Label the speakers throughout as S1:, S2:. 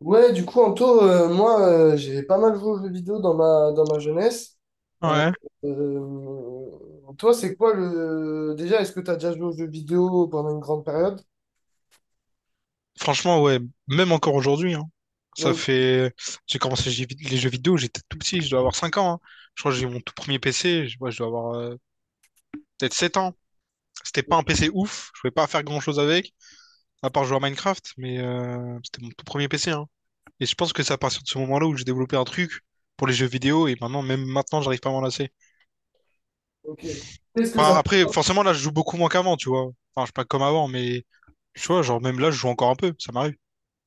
S1: Ouais, du coup, Anto, moi, j'ai pas mal joué aux jeux vidéo dans ma jeunesse. Euh,
S2: Ouais,
S1: euh, Toi, Déjà, est-ce que tu as déjà joué aux jeux vidéo pendant une grande période?
S2: franchement, ouais, même encore aujourd'hui, hein. Ça
S1: Non.
S2: fait. J'ai commencé les les jeux vidéo, j'étais tout petit, je dois avoir 5 ans. Hein. Je crois que j'ai eu mon tout premier PC, je dois avoir peut-être 7 ans. C'était pas un PC ouf, je pouvais pas faire grand-chose avec, à part jouer à Minecraft, mais c'était mon tout premier PC. Hein. Et je pense que c'est à partir de ce moment-là où j'ai développé un truc pour les jeux vidéo, et maintenant, même maintenant, j'arrive pas à m'en lasser.
S1: Ok. Qu'est-ce que
S2: Enfin,
S1: ça...
S2: après, forcément, là, je joue beaucoup moins qu'avant, tu vois. Enfin, je suis pas comme avant, mais tu vois, genre, même là, je joue encore un peu, ça m'arrive.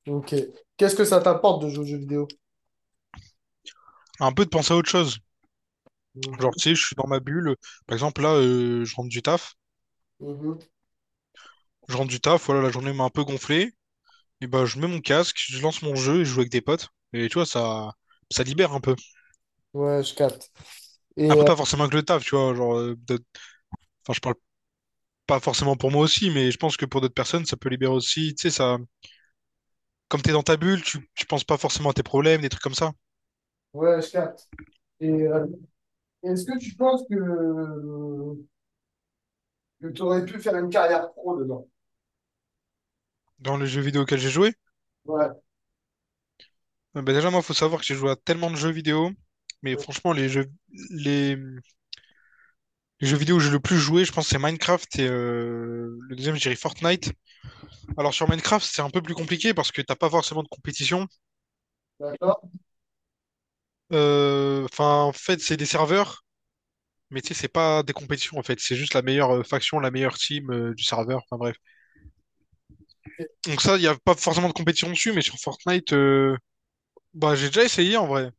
S1: Ok. Qu'est-ce que ça t'apporte de jouer aux jeux vidéo?
S2: Un peu de penser à autre chose. Genre,
S1: Mhm.
S2: tu sais, je suis dans ma bulle. Par exemple, là, je rentre du taf.
S1: Mhm.
S2: Je rentre du taf, voilà, la journée m'a un peu gonflé. Et bah, je mets mon casque, je lance mon jeu et je joue avec des potes. Et tu vois, ça libère un peu.
S1: Ouais, je capte. Et,
S2: Après, pas forcément que le taf, tu vois. Genre, enfin, je parle pas forcément pour moi aussi, mais je pense que pour d'autres personnes, ça peut libérer aussi. Tu sais, ça, comme t'es dans ta bulle, tu penses pas forcément à tes problèmes, des trucs comme ça.
S1: ouais, je capte. Et est-ce que tu penses que tu aurais pu faire une carrière pro dedans?
S2: Dans les jeux vidéo auxquels j'ai joué,
S1: Ouais.
S2: bah déjà, moi, faut savoir que j'ai joué à tellement de jeux vidéo. Mais franchement, les jeux vidéo où j'ai le plus joué, je pense, c'est Minecraft et le deuxième, je dirais Fortnite. Alors, sur Minecraft, c'est un peu plus compliqué parce que t'as pas forcément de compétition.
S1: D'accord.
S2: Enfin, en fait, c'est des serveurs, mais tu sais, c'est pas des compétitions, en fait. C'est juste la meilleure faction, la meilleure team du serveur. Enfin, bref.
S1: Ok.
S2: Donc, ça, il y a pas forcément de compétition dessus, mais sur Fortnite, bah, j'ai déjà essayé en vrai.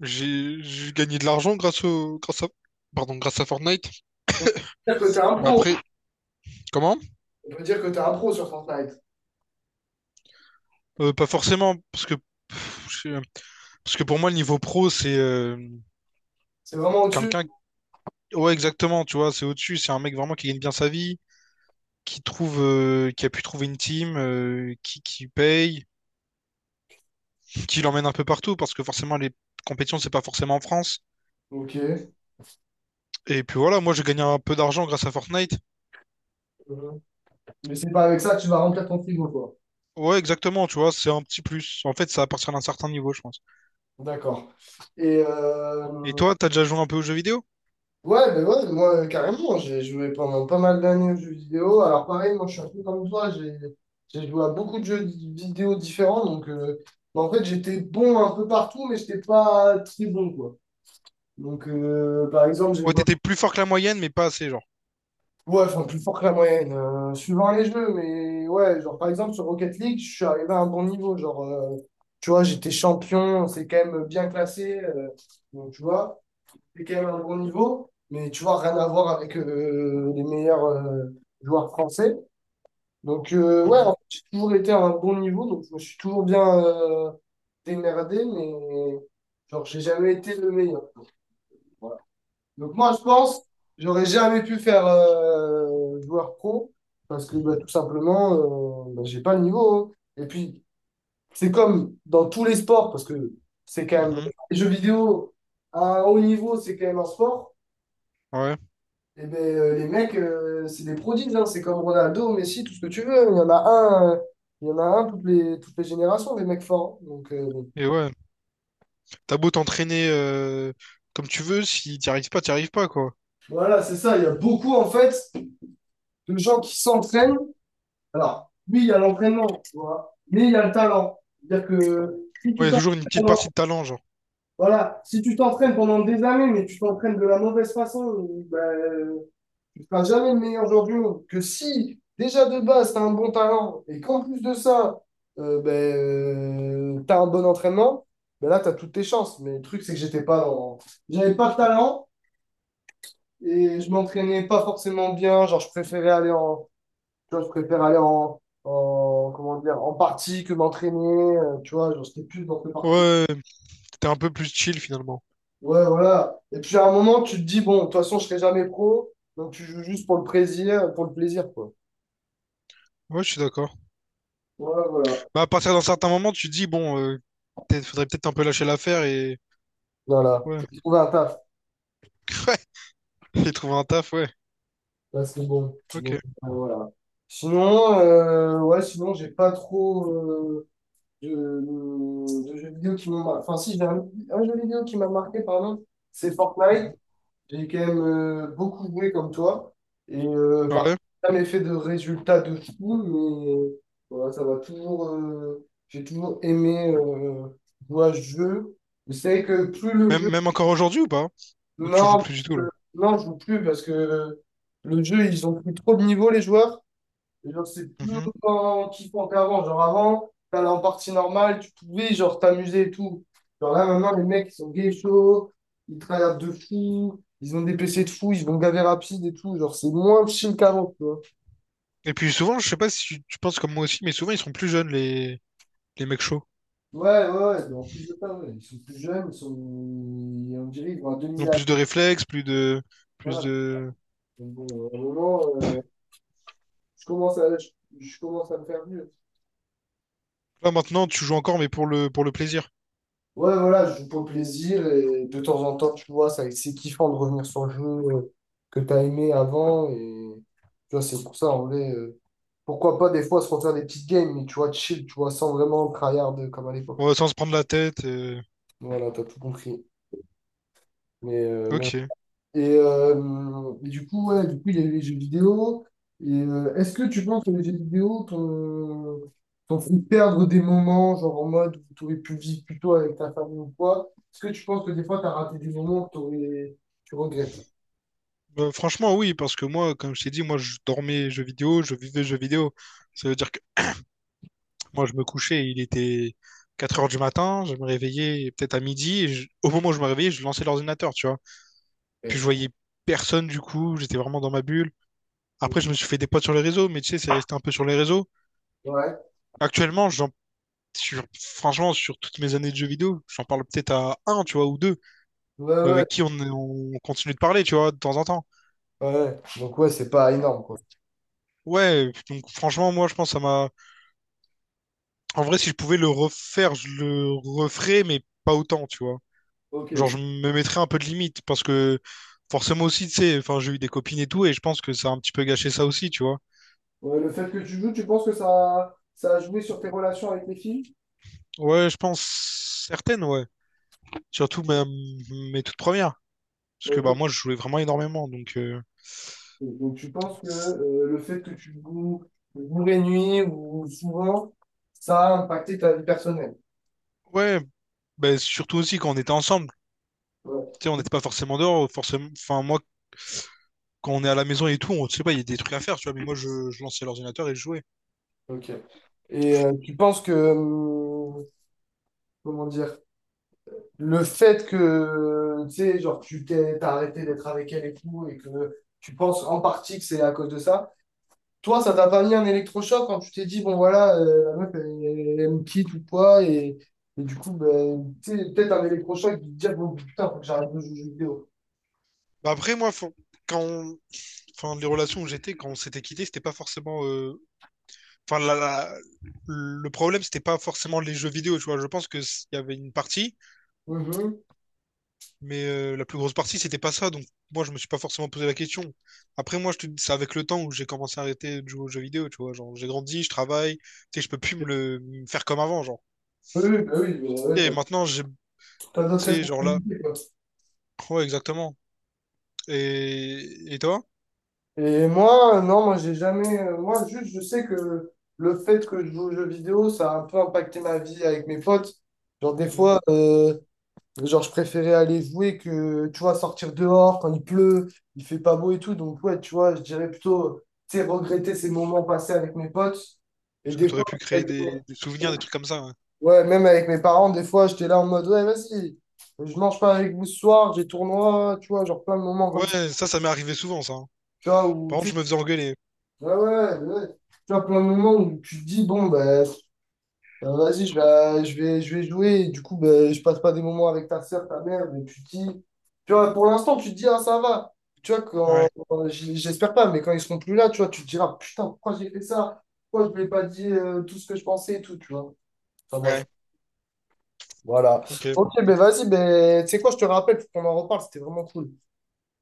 S2: J'ai gagné de l'argent grâce au, grâce à, pardon, grâce à Fortnite.
S1: Donc, c'est-à-dire que t'es un
S2: Bah,
S1: pro.
S2: après, comment?
S1: On peut dire que tu es un pro sur Fortnite.
S2: Pas forcément, parce que pff, je sais- parce que pour moi, le niveau pro, c'est
S1: C'est vraiment au-dessus.
S2: quelqu'un. Ouais, exactement, tu vois, c'est au-dessus. C'est un mec vraiment qui gagne bien sa vie, qui trouve, qui a pu trouver une team, qui paye, qui l'emmène un peu partout, parce que forcément, les compétitions, c'est pas forcément en France.
S1: Ok.
S2: Et puis voilà, moi, j'ai gagné un peu d'argent grâce à Fortnite.
S1: Mm-hmm. Mais c'est pas avec ça que tu vas remplir ton frigo, quoi.
S2: Ouais, exactement, tu vois, c'est un petit plus. En fait, ça à partir d'un certain niveau, je pense.
S1: D'accord. Et
S2: Et toi, t'as déjà joué un peu aux jeux vidéo?
S1: ouais, ben ouais, moi, carrément, j'ai joué pendant pas mal d'années aux jeux vidéo. Alors, pareil, moi, je suis un peu comme toi, j'ai joué à beaucoup de jeux vidéo différents. Donc, bah, en fait, j'étais bon un peu partout, mais j'étais pas très bon, quoi. Donc, par exemple, j'ai
S2: Ouais,
S1: joué.
S2: t'étais plus fort que la moyenne, mais pas assez, genre.
S1: Ouais, enfin, plus fort que la moyenne, suivant les jeux, mais ouais, genre
S2: Mm.
S1: par exemple sur Rocket League, je suis arrivé à un bon niveau, genre, tu vois, j'étais champion, c'est quand même bien classé, donc tu vois, c'est quand même un bon niveau, mais tu vois, rien à voir avec les meilleurs joueurs français. Donc ouais, en
S2: Mhm,
S1: fait, j'ai toujours été à un bon niveau, donc je me suis toujours bien démerdé, mais genre, j'ai jamais été le meilleur. Donc moi, je pense, j'aurais jamais pu faire joueur pro parce que bah, tout simplement, bah, j'ai pas le niveau. Hein. Et puis, c'est comme dans tous les sports, parce que c'est quand même,
S2: mhm.
S1: enfin, les jeux vidéo à un haut niveau, c'est quand même un sport.
S2: Ouais,
S1: Et ben les mecs, c'est des prodiges. Hein. C'est comme Ronaldo, Messi, tout ce que tu veux. Hein. Il y en a un, il y en a un toutes les générations, des mecs forts. Hein. Donc bon.
S2: et ouais, t'as beau t'entraîner comme tu veux, si t'y arrives pas, t'y arrives pas, quoi.
S1: Voilà, c'est ça. Il y a beaucoup en fait de gens qui s'entraînent. Alors, oui, il y a l'entraînement, tu vois, mais il y a le talent. C'est-à-dire que si
S2: Ouais,
S1: tu
S2: y a
S1: t'entraînes
S2: toujours une petite partie
S1: pendant,
S2: de talent, genre.
S1: voilà, si tu t'entraînes pendant des années, mais tu t'entraînes de la mauvaise façon, ben, tu ne seras jamais le meilleur joueur du monde. Que si, déjà de base, tu as un bon talent et qu'en plus de ça, ben, tu as un bon entraînement, ben là, tu as toutes tes chances. Mais le truc, c'est que j'étais pas dans. J'avais pas de talent et je m'entraînais pas forcément bien. Genre, je préférais aller en, tu vois, je préfère aller en, comment dire, en partie que m'entraîner. Tu vois, genre, c'était plus dans le parti.
S2: Ouais. T'es un peu plus chill finalement.
S1: Ouais, voilà. Et puis à un moment, tu te dis, bon, de toute façon, je serai jamais pro. Donc tu joues juste pour le plaisir, quoi.
S2: Ouais, je suis d'accord.
S1: Voilà, voilà.
S2: Bah, à partir d'un certain moment, tu te dis, bon, faudrait peut-être un peu lâcher l'affaire et.
S1: Voilà.
S2: Ouais.
S1: J'ai trouvé un taf.
S2: Ouais. Et trouver un taf, ouais.
S1: Là, c'est bon.
S2: Ok.
S1: Donc, voilà. Sinon, ouais, sinon, j'ai pas trop de, de jeux vidéo qui m'ont marqué. Enfin, si, j'ai un jeu vidéo qui m'a marqué, pardon. C'est Fortnite.
S2: Mhm.
S1: J'ai quand même beaucoup joué comme toi. Et par contre,
S2: Ouais.
S1: j'ai jamais fait de résultats de fou, mais voilà, ça va toujours. J'ai toujours aimé jouer à ce jeu. Je sais que plus le
S2: Même,
S1: jeu.
S2: même encore aujourd'hui ou pas? Ou tu joues
S1: Non,
S2: plus du tout là?
S1: non, je joue plus parce que le jeu, ils ont pris trop de niveau, les joueurs. Et genre, c'est plus
S2: Mhm.
S1: autant kiffant qu'avant. Genre, avant, t'allais en partie normale, tu pouvais, genre, t'amuser et tout. Genre, là, maintenant, les mecs, ils sont gay chauds, ils travaillent de fou, ils ont des PC de fou, ils vont gaver rapide et tout. Genre, c'est moins chill qu'avant, tu vois.
S2: Et puis souvent, je sais pas si tu penses comme moi aussi, mais souvent ils sont plus jeunes, les mecs chauds.
S1: Ouais, ouais, ouais. Mais en plus de ça, ouais, ils sont plus jeunes, on dirait qu'ils vont à
S2: Ils
S1: 2000
S2: ont
S1: à l'heure.
S2: plus de réflexes, plus de. Plus
S1: Voilà.
S2: de.
S1: Donc, bon, à un moment, euh, je commence à... je je commence à me faire vieux.
S2: Là maintenant, tu joues encore, mais pour le plaisir.
S1: Ouais, voilà, je joue pour le plaisir et de temps en temps, tu vois, ça, c'est kiffant de revenir sur le jeu que tu as aimé avant. Et tu vois, c'est pour ça, en vrai, pourquoi pas des fois se refaire des petites games, mais tu vois, chill, tu vois, sans vraiment tryhard comme à l'époque.
S2: Ouais, sans se prendre la tête.
S1: Voilà, t'as tout compris. Mais
S2: Ok.
S1: et du coup, ouais, du coup, il y a les jeux vidéo. Et est-ce que tu penses que les jeux vidéo t'ont fait perdre des moments, genre en mode où tu aurais pu vivre plutôt avec ta famille ou quoi? Est-ce que tu penses que des fois, tu as raté des moments que tu regrettes?
S2: Franchement, oui, parce que moi, comme je t'ai dit, moi, je dormais jeux vidéo, je vivais jeux vidéo. Ça veut dire que moi, je me couchais, il était 4 heures du matin, je me réveillais peut-être à midi, et au moment où je me réveillais, je lançais l'ordinateur, tu vois. Puis
S1: Ouais,
S2: je voyais personne, du coup, j'étais vraiment dans ma bulle.
S1: ok.
S2: Après, je me suis fait des potes sur les réseaux, mais tu sais, c'est resté un peu sur les réseaux.
S1: Ouais,
S2: Actuellement, franchement, sur toutes mes années de jeux vidéo, j'en parle peut-être à un, tu vois, ou deux,
S1: ouais.
S2: mais
S1: Ouais.
S2: avec qui on continue de parler, tu vois, de temps en temps.
S1: Ouais. Donc, ouais, c'est pas énorme, quoi.
S2: Ouais, donc franchement, moi, je pense que ça m'a. En vrai, si je pouvais le refaire, je le referais, mais pas autant, tu vois.
S1: Ok.
S2: Genre, je me mettrais un peu de limite parce que forcément aussi, tu sais, enfin, j'ai eu des copines et tout, et je pense que ça a un petit peu gâché ça aussi, tu vois.
S1: Ouais, le fait que tu joues, tu penses que ça a joué sur tes relations avec les filles?
S2: Ouais, je pense certaines, ouais. Surtout mes toutes premières. Parce que bah
S1: Ok.
S2: moi, je jouais vraiment énormément, donc
S1: Donc tu penses que
S2: c'est-
S1: le fait que tu joues jour et nuit ou souvent, ça a impacté ta vie personnelle.
S2: ouais, bah, surtout aussi quand on était ensemble.
S1: Ouais,
S2: Tu sais, on n'était pas forcément dehors, forcément. Enfin, moi, quand on est à la maison et tout, on sait pas, il y a des trucs à faire, tu vois. Mais moi, je lançais l'ordinateur et je jouais.
S1: ok. Et tu penses que, comment dire, le fait que, tu sais, genre, t'as arrêté d'être avec elle et tout, et que tu penses en partie que c'est à cause de ça, toi, ça t'a pas mis un électrochoc quand tu t'es dit, bon, voilà, la meuf, elle, elle me quitte ou quoi, et du coup, ben, tu sais, peut-être un électrochoc de te dire, bon, putain, faut que j'arrête de jouer aux jeux
S2: Bah, après, moi, quand enfin, les relations où j'étais quand on s'était quitté, c'était pas forcément. Enfin, le problème, c'était pas forcément les jeux vidéo, tu vois. Je pense qu'il y avait une partie,
S1: vidéo.
S2: mais la plus grosse partie, c'était pas ça. Donc, moi, je me suis pas forcément posé la question. Après, moi, je te dis, c'est avec le temps où j'ai commencé à arrêter de jouer aux jeux vidéo, tu vois. Genre, j'ai grandi, je travaille, tu sais, je peux plus me le me faire comme avant, genre.
S1: Oui, oui, bah oui, ouais,
S2: Ok, et
S1: t'as,
S2: maintenant, j'ai, tu
S1: t'as d'autres
S2: sais, genre là.
S1: responsabilités, quoi.
S2: Ouais, exactement. Et toi?
S1: Et moi, non, moi, j'ai jamais. Moi, juste, je sais que le fait que je joue aux jeux vidéo, ça a un peu impacté ma vie avec mes potes. Genre, des
S2: Hmm.
S1: fois, genre, je préférais aller jouer que, tu vois, sortir dehors quand il pleut, il fait pas beau et tout. Donc, ouais, tu vois, je dirais plutôt, tu sais, regretter ces moments passés avec mes potes. Et
S2: Parce que
S1: des
S2: t'aurais
S1: fois,
S2: pu créer
S1: avec mes-
S2: des souvenirs, des trucs comme ça.
S1: ouais, même avec mes parents, des fois, j'étais là en mode, ouais, vas-y, je mange pas avec vous ce soir, j'ai tournoi, tu vois, genre plein de moments
S2: Ouais,
S1: comme ça.
S2: ouais, ça m'est arrivé souvent, ça. Hein.
S1: Tu vois, où
S2: Par
S1: tu
S2: contre,
S1: sais,
S2: je me faisais engueuler.
S1: ouais, ouais, ouais. Tu vois, plein de moments où tu te dis, bon, ben, vas-y, je vais jouer, et du coup, ben, je passe pas des moments avec ta soeur, ta mère, mais tu te dis, tu vois, pour l'instant, tu te dis, ah, ça va. Tu vois,
S2: Ouais,
S1: j'espère pas, mais quand ils seront plus là, tu vois, tu te diras, putain, pourquoi j'ai fait ça? Pourquoi je ne lui ai pas dit tout ce que je pensais et tout, tu vois. Enfin, bref,
S2: ouais,
S1: voilà.
S2: ok.
S1: Ok, ben, vas-y, ben, tu sais quoi, je te rappelle, faut qu'on en reparle, c'était vraiment cool.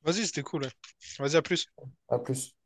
S2: Vas-y, c'était cool. Ouais. Vas-y, à plus.
S1: À plus.